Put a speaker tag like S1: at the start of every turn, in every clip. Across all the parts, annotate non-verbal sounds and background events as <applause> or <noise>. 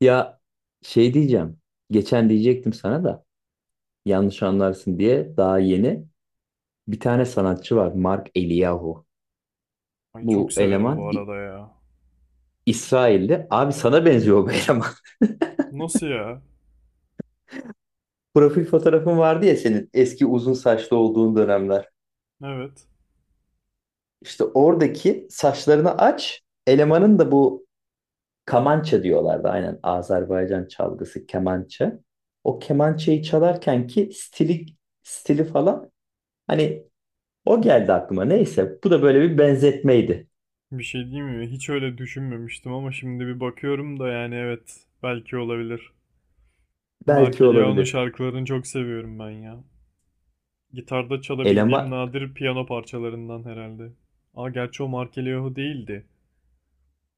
S1: Ya diyeceğim. Geçen diyecektim sana da yanlış anlarsın diye daha yeni bir tane sanatçı var, Mark Eliyahu.
S2: Ay çok
S1: Bu
S2: severim bu
S1: eleman
S2: arada ya.
S1: İsrailli. Abi sana benziyor bu eleman.
S2: Nasıl ya?
S1: <laughs> Profil fotoğrafın vardı ya, senin eski uzun saçlı olduğun dönemler.
S2: Evet.
S1: İşte oradaki saçlarını aç. Elemanın da bu kamança diyorlardı. Aynen Azerbaycan çalgısı kemança. O kemançayı çalarken ki stili, stili falan Hani o geldi aklıma. Neyse, bu da böyle bir benzetmeydi.
S2: Bir şey diyeyim mi? Hiç öyle düşünmemiştim ama şimdi bir bakıyorum da yani evet. Belki olabilir. Mark
S1: Belki
S2: Eliyahu'nun
S1: olabilir.
S2: şarkılarını çok seviyorum ben ya. Gitarda çalabildiğim
S1: Elema
S2: nadir piyano parçalarından herhalde. Aa, gerçi o Mark Eliyahu değildi.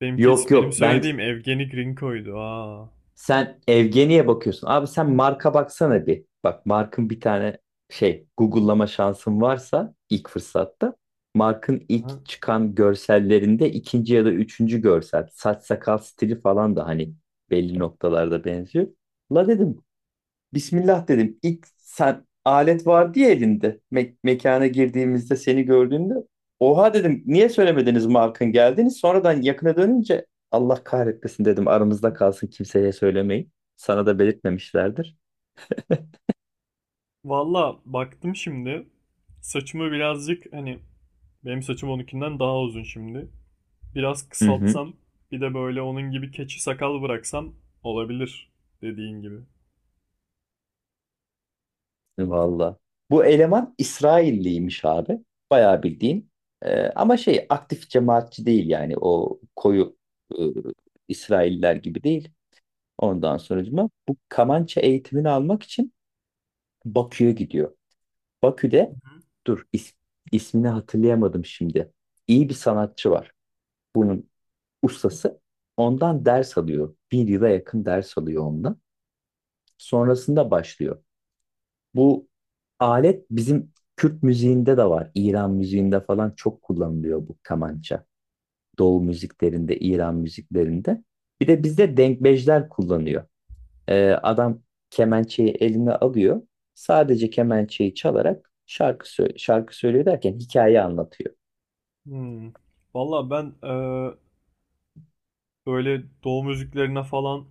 S2: Benimki,
S1: Yok
S2: benim
S1: yok, ben
S2: söylediğim Evgeni Grinko'ydu. Aa.
S1: sen Evgeni'ye bakıyorsun. Abi sen marka baksana bir. Bak markın bir tane Google'lama şansın varsa, ilk fırsatta markın ilk
S2: Aha.
S1: çıkan görsellerinde ikinci ya da üçüncü görsel, saç sakal stili falan da hani belli noktalarda benziyor. La dedim, Bismillah dedim. İlk sen, alet vardı ya elinde. Mekana girdiğimizde seni gördüğümde. Oha dedim. Niye söylemediniz markın geldiniz? Sonradan yakına dönünce, Allah kahretmesin dedim. Aramızda kalsın, kimseye söylemeyin. Sana da belirtmemişlerdir.
S2: Valla baktım şimdi. Saçımı birazcık hani benim saçım onunkinden daha uzun şimdi. Biraz
S1: Hı hı.
S2: kısaltsam, bir de böyle onun gibi keçi sakal bıraksam olabilir dediğin gibi.
S1: Valla. Bu eleman İsrailliymiş abi. Bayağı bildiğin. Ama şey aktif cemaatçi değil, yani o koyu e, İsrailler gibi değil. Ondan sonucuma bu kamança eğitimini almak için Bakü'ye gidiyor. Bakü'de dur is- ismini hatırlayamadım şimdi. İyi bir sanatçı var. Bunun ustası. Ondan ders alıyor. Bir yıla yakın ders alıyor ondan. Sonrasında başlıyor. Bu alet bizim Kürt müziğinde de var. İran müziğinde falan çok kullanılıyor bu kamança. Doğu müziklerinde, İran müziklerinde. Bir de bizde denkbejler kullanıyor. Adam kemençeyi eline alıyor. Sadece kemençeyi çalarak şarkı söylüyor derken hikaye anlatıyor.
S2: Hmm. Valla ben böyle doğu müziklerine falan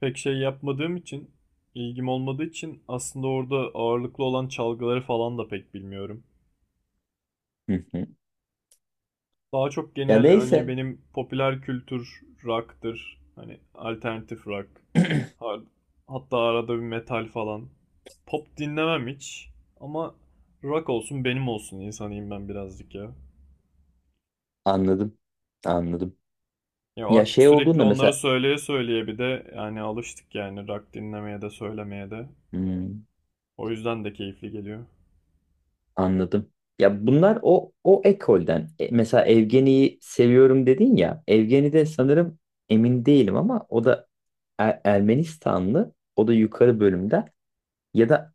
S2: pek şey yapmadığım için, ilgim olmadığı için aslında orada ağırlıklı olan çalgıları falan da pek bilmiyorum.
S1: Hı hı.
S2: Daha çok
S1: Ya
S2: genel hani
S1: neyse,
S2: benim popüler kültür rock'tır. Hani alternatif rock. Hatta arada bir metal falan. Pop dinlemem hiç. Ama rock olsun benim olsun insanıyım ben birazcık ya.
S1: anladım. Anladım.
S2: Ya
S1: Ya
S2: artık
S1: şey
S2: sürekli
S1: olduğunda
S2: onları
S1: mesela
S2: söyleye söyleye bir de yani alıştık yani rock dinlemeye de söylemeye de.
S1: hmm,
S2: O yüzden de keyifli geliyor.
S1: anladım. Ya, bunlar o ekolden. E, mesela Evgeni'yi seviyorum dedin ya. Evgeni de sanırım, emin değilim ama, o da Ermenistanlı. O da yukarı bölümde. Ya da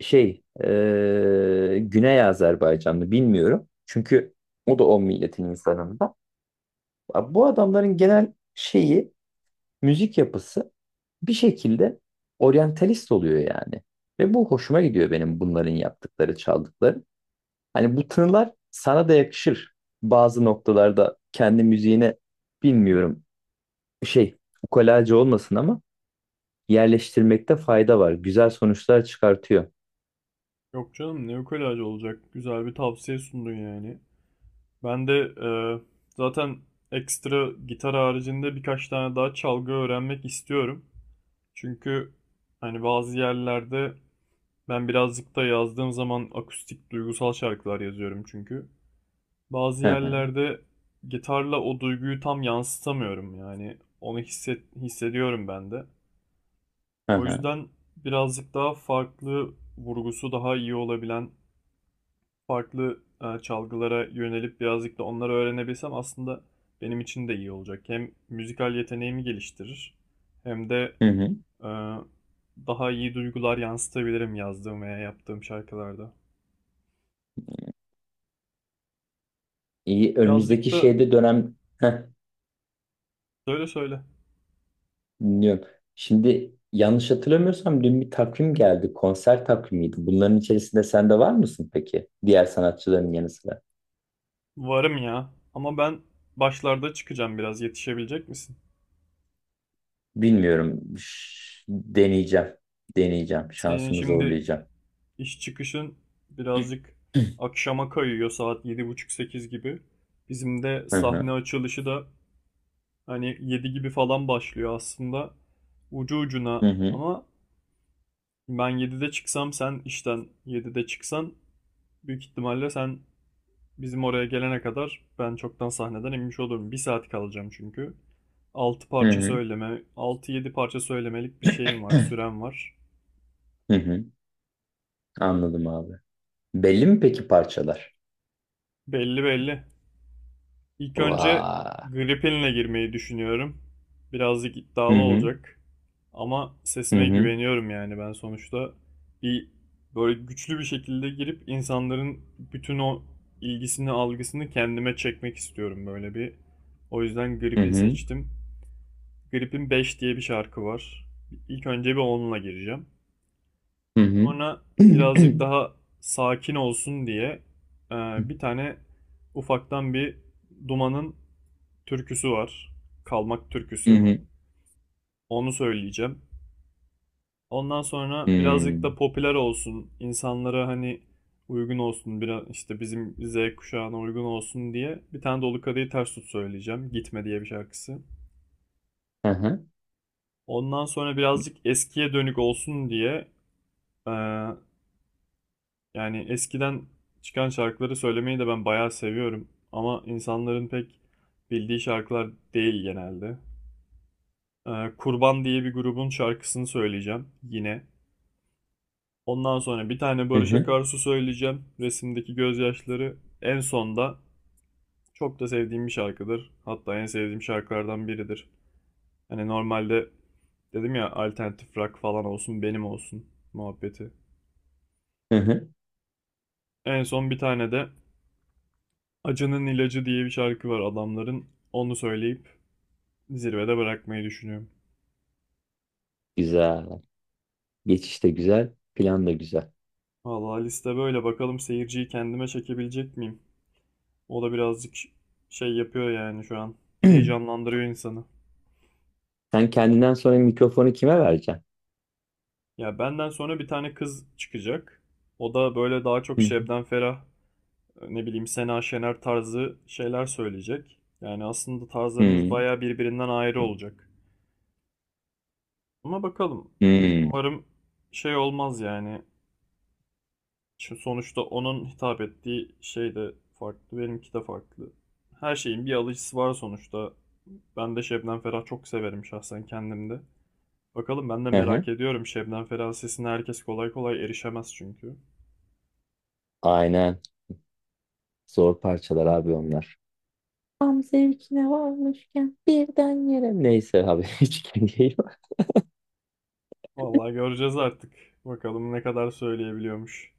S1: Güney Azerbaycanlı, bilmiyorum. Çünkü o da o milletin insanında. Bu adamların genel şeyi, müzik yapısı bir şekilde oryantalist oluyor yani. Ve bu hoşuma gidiyor, benim bunların yaptıkları, çaldıkları. Hani bu tınılar sana da yakışır. Bazı noktalarda kendi müziğine, bilmiyorum, şey ukalacı olmasın ama, yerleştirmekte fayda var. Güzel sonuçlar çıkartıyor.
S2: Yok canım ne ukulaj olacak. Güzel bir tavsiye sundun yani. Ben de zaten ekstra gitar haricinde birkaç tane daha çalgı öğrenmek istiyorum. Çünkü hani bazı yerlerde ben birazcık da yazdığım zaman akustik duygusal şarkılar yazıyorum çünkü. Bazı
S1: Hı hı
S2: yerlerde gitarla o duyguyu tam yansıtamıyorum yani onu hissediyorum ben de.
S1: hı
S2: O
S1: hı.
S2: yüzden birazcık daha farklı vurgusu daha iyi olabilen farklı çalgılara yönelip birazcık da onları öğrenebilsem aslında benim için de iyi olacak. Hem müzikal yeteneğimi geliştirir hem de
S1: Hı hı.
S2: e, daha iyi duygular yansıtabilirim yazdığım veya yaptığım şarkılarda.
S1: İyi,
S2: Birazcık
S1: önümüzdeki
S2: da.
S1: dönem. Heh,
S2: Söyle söyle.
S1: dinliyorum. Şimdi yanlış hatırlamıyorsam dün bir takvim geldi. Konser takvimiydi. Bunların içerisinde sen de var mısın peki? Diğer sanatçıların yanı sıra.
S2: Varım ya. Ama ben başlarda çıkacağım biraz. Yetişebilecek misin?
S1: Bilmiyorum. Deneyeceğim. Deneyeceğim.
S2: Senin
S1: Şansımı
S2: şimdi
S1: zorlayacağım.
S2: iş çıkışın birazcık akşama kayıyor, saat yedi buçuk sekiz gibi. Bizim de
S1: Hı
S2: sahne
S1: hı.
S2: açılışı da hani 7 gibi falan başlıyor aslında. Ucu ucuna
S1: Hı hı.
S2: ama ben 7'de çıksam sen işten 7'de çıksan büyük ihtimalle sen bizim oraya gelene kadar ben çoktan sahneden inmiş olurum. Bir saat kalacağım çünkü. altı
S1: Hı
S2: parça
S1: hı.
S2: söyleme, altı yedi parça söylemelik bir şeyim var, sürem var.
S1: Hı hı. Anladım abi. Belli mi peki parçalar?
S2: Belli belli. İlk önce
S1: Vay.
S2: Gripin'le girmeyi düşünüyorum. Birazcık
S1: Hı
S2: iddialı
S1: hı.
S2: olacak. Ama
S1: Hı
S2: sesime
S1: hı.
S2: güveniyorum yani ben sonuçta bir böyle güçlü bir şekilde girip insanların bütün o ilgisini, algısını kendime çekmek istiyorum böyle bir. O yüzden
S1: Hı
S2: Gripin
S1: hı.
S2: seçtim. Grip'in 5 diye bir şarkı var. İlk önce bir onunla gireceğim.
S1: Hı hı.
S2: Sonra birazcık daha sakin olsun diye e, bir
S1: <clears throat>
S2: tane ufaktan bir Duman'ın türküsü var. Kalmak
S1: Hı
S2: türküsü.
S1: hı.
S2: Onu söyleyeceğim. Ondan sonra
S1: Hı.
S2: birazcık da popüler olsun, insanlara hani uygun olsun, biraz işte bizim Z kuşağına uygun olsun diye bir tane Dolu Kadehi Ters Tut söyleyeceğim. Gitme diye bir şarkısı.
S1: Hı hı.
S2: Ondan sonra birazcık eskiye dönük olsun diye eee yani eskiden çıkan şarkıları söylemeyi de ben bayağı seviyorum. Ama insanların pek bildiği şarkılar değil genelde. Kurban diye bir grubun şarkısını söyleyeceğim yine. Ondan sonra bir tane
S1: Hı
S2: Barış
S1: hı,
S2: Akarsu söyleyeceğim. Resimdeki gözyaşları en sonda, çok da sevdiğim bir şarkıdır. Hatta en sevdiğim şarkılardan biridir. Hani normalde dedim ya alternatif rock falan olsun benim olsun muhabbeti.
S1: hı hı.
S2: En son bir tane de Acının İlacı diye bir şarkı var adamların. Onu söyleyip zirvede bırakmayı düşünüyorum.
S1: Güzel. Geçiş de güzel. Plan da güzel.
S2: Vallahi liste böyle. Bakalım seyirciyi kendime çekebilecek miyim? O da birazcık şey yapıyor yani şu an.
S1: <clears throat>
S2: Heyecanlandırıyor insanı.
S1: Sen kendinden sonra mikrofonu kime vereceksin?
S2: Ya benden sonra bir tane kız çıkacak. O da böyle daha çok
S1: Hı hı,
S2: Şebnem Ferah, ne bileyim Sena Şener tarzı şeyler söyleyecek. Yani aslında tarzlarımız
S1: hı
S2: bayağı birbirinden ayrı olacak. Ama bakalım.
S1: hı,
S2: Umarım şey olmaz yani. Şu sonuçta onun hitap ettiği şey de farklı, benimki de farklı. Her şeyin bir alıcısı var sonuçta. Ben de Şebnem Ferah çok severim şahsen kendimde. Bakalım ben de
S1: hı, hı.
S2: merak ediyorum. Şebnem Ferah sesine herkes kolay kolay erişemez çünkü.
S1: Aynen. Zor parçalar abi onlar. Tam zevkine varmışken birden yere. Neyse abi, <laughs> hiç kendine
S2: Vallahi göreceğiz artık. Bakalım ne kadar söyleyebiliyormuş.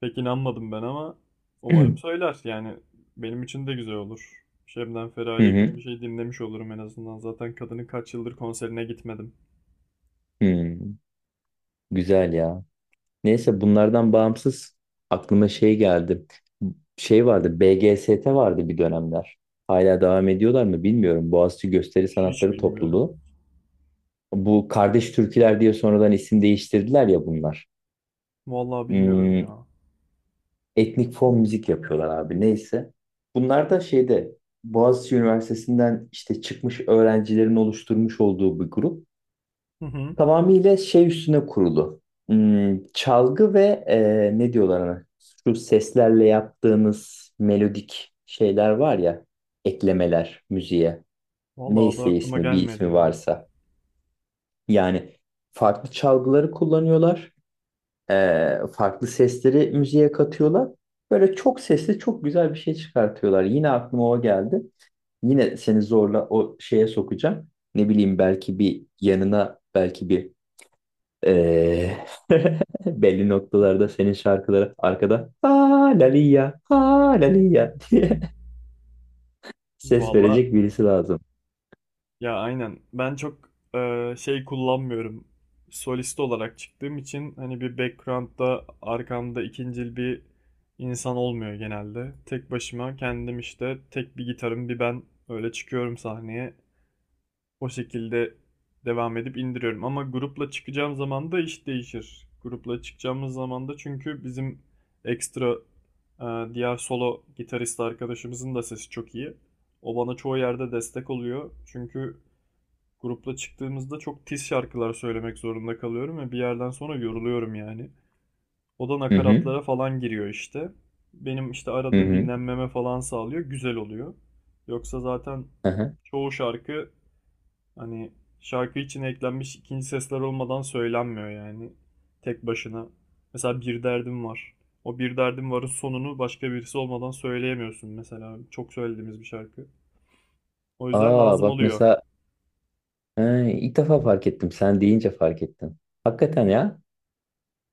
S2: Pek inanmadım ben ama umarım
S1: <clears throat>
S2: söyler. Yani benim için de güzel olur. Şebnem Ferah'a
S1: hı hı,
S2: yakın bir şey dinlemiş olurum en azından. Zaten kadının kaç yıldır konserine gitmedim.
S1: hı, güzel ya. Neyse, bunlardan bağımsız aklıma şey geldi. Şey vardı, BGST vardı bir dönemler. Hala devam ediyorlar mı bilmiyorum. Boğaziçi Gösteri
S2: Hiç
S1: Sanatları
S2: bilmiyorum.
S1: Topluluğu. Bu Kardeş Türküler diye sonradan isim değiştirdiler ya bunlar.
S2: Vallahi bilmiyorum
S1: Hmm,
S2: ya.
S1: etnik fon müzik yapıyorlar abi, neyse. Bunlar da Boğaziçi Üniversitesi'nden işte çıkmış öğrencilerin oluşturmuş olduğu bir grup.
S2: Hı hı.
S1: Tamamıyla üstüne kurulu. Hmm, çalgı ve ne diyorlar ona? Şu seslerle yaptığınız melodik şeyler var ya, eklemeler müziğe.
S2: Valla o da
S1: Neyse
S2: aklıma
S1: ismi, bir
S2: gelmedi
S1: ismi
S2: ya.
S1: varsa. Yani farklı çalgıları kullanıyorlar. Farklı sesleri müziğe katıyorlar. Böyle çok sesli çok güzel bir şey çıkartıyorlar. Yine aklıma o geldi. Yine seni zorla o şeye sokacağım. Ne bileyim, belki bir yanına, belki bir e, <laughs> belli noktalarda senin şarkılara arkada "ha laliya ha laliya" <laughs> diye ses
S2: Valla
S1: verecek birisi lazım.
S2: ya aynen. Ben çok şey kullanmıyorum. Solist olarak çıktığım için hani bir background'da arkamda ikincil bir insan olmuyor genelde. Tek başıma kendim işte tek bir gitarım bir ben öyle çıkıyorum sahneye. O şekilde devam edip indiriyorum. Ama grupla çıkacağım zaman da iş değişir. Grupla çıkacağımız zaman da çünkü bizim ekstra diğer solo gitarist arkadaşımızın da sesi çok iyi. O bana çoğu yerde destek oluyor. Çünkü grupla çıktığımızda çok tiz şarkılar söylemek zorunda kalıyorum ve bir yerden sonra yoruluyorum yani. O da
S1: Hı hı
S2: nakaratlara falan giriyor işte. Benim işte
S1: hı
S2: arada
S1: hı.
S2: dinlenmeme falan sağlıyor. Güzel oluyor. Yoksa zaten
S1: Aha.
S2: çoğu şarkı, hani şarkı için eklenmiş ikinci sesler olmadan söylenmiyor yani. Tek başına. Mesela bir derdim var. O bir derdim varın sonunu başka birisi olmadan söyleyemiyorsun mesela. Çok söylediğimiz bir şarkı. O yüzden
S1: Aa
S2: lazım
S1: bak
S2: oluyor.
S1: mesela, ha, ilk defa fark ettim. Sen deyince fark ettim. Hakikaten ya.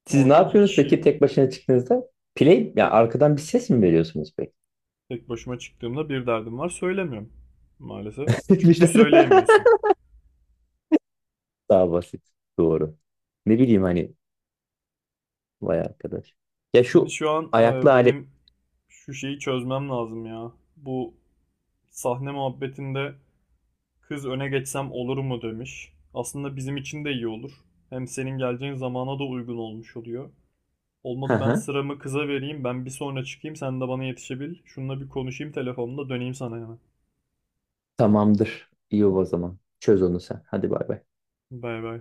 S1: Siz ne
S2: Orada iki
S1: yapıyorsunuz
S2: kişi
S1: peki tek başına çıktığınızda? Play, ya
S2: tek,
S1: arkadan bir ses mi veriyorsunuz peki?
S2: tek başıma çıktığımda bir derdim var söylemiyorum maalesef.
S1: <laughs>
S2: Çünkü
S1: Birden-
S2: söyleyemiyorsun.
S1: Daha basit. Doğru. Ne bileyim hani, vay arkadaş. Ya
S2: Beni
S1: şu
S2: şu an
S1: ayaklı alet.
S2: benim şu şeyi çözmem lazım ya. Bu sahne muhabbetinde kız öne geçsem olur mu demiş. Aslında bizim için de iyi olur. Hem senin geleceğin zamana da uygun olmuş oluyor.
S1: Hı
S2: Olmadı ben
S1: hı.
S2: sıramı kıza vereyim. Ben bir sonra çıkayım. Sen de bana yetişebil. Şununla bir konuşayım telefonda. Döneyim sana hemen.
S1: Tamamdır. İyi o zaman. Çöz onu sen. Hadi bay bay.
S2: Bay bay.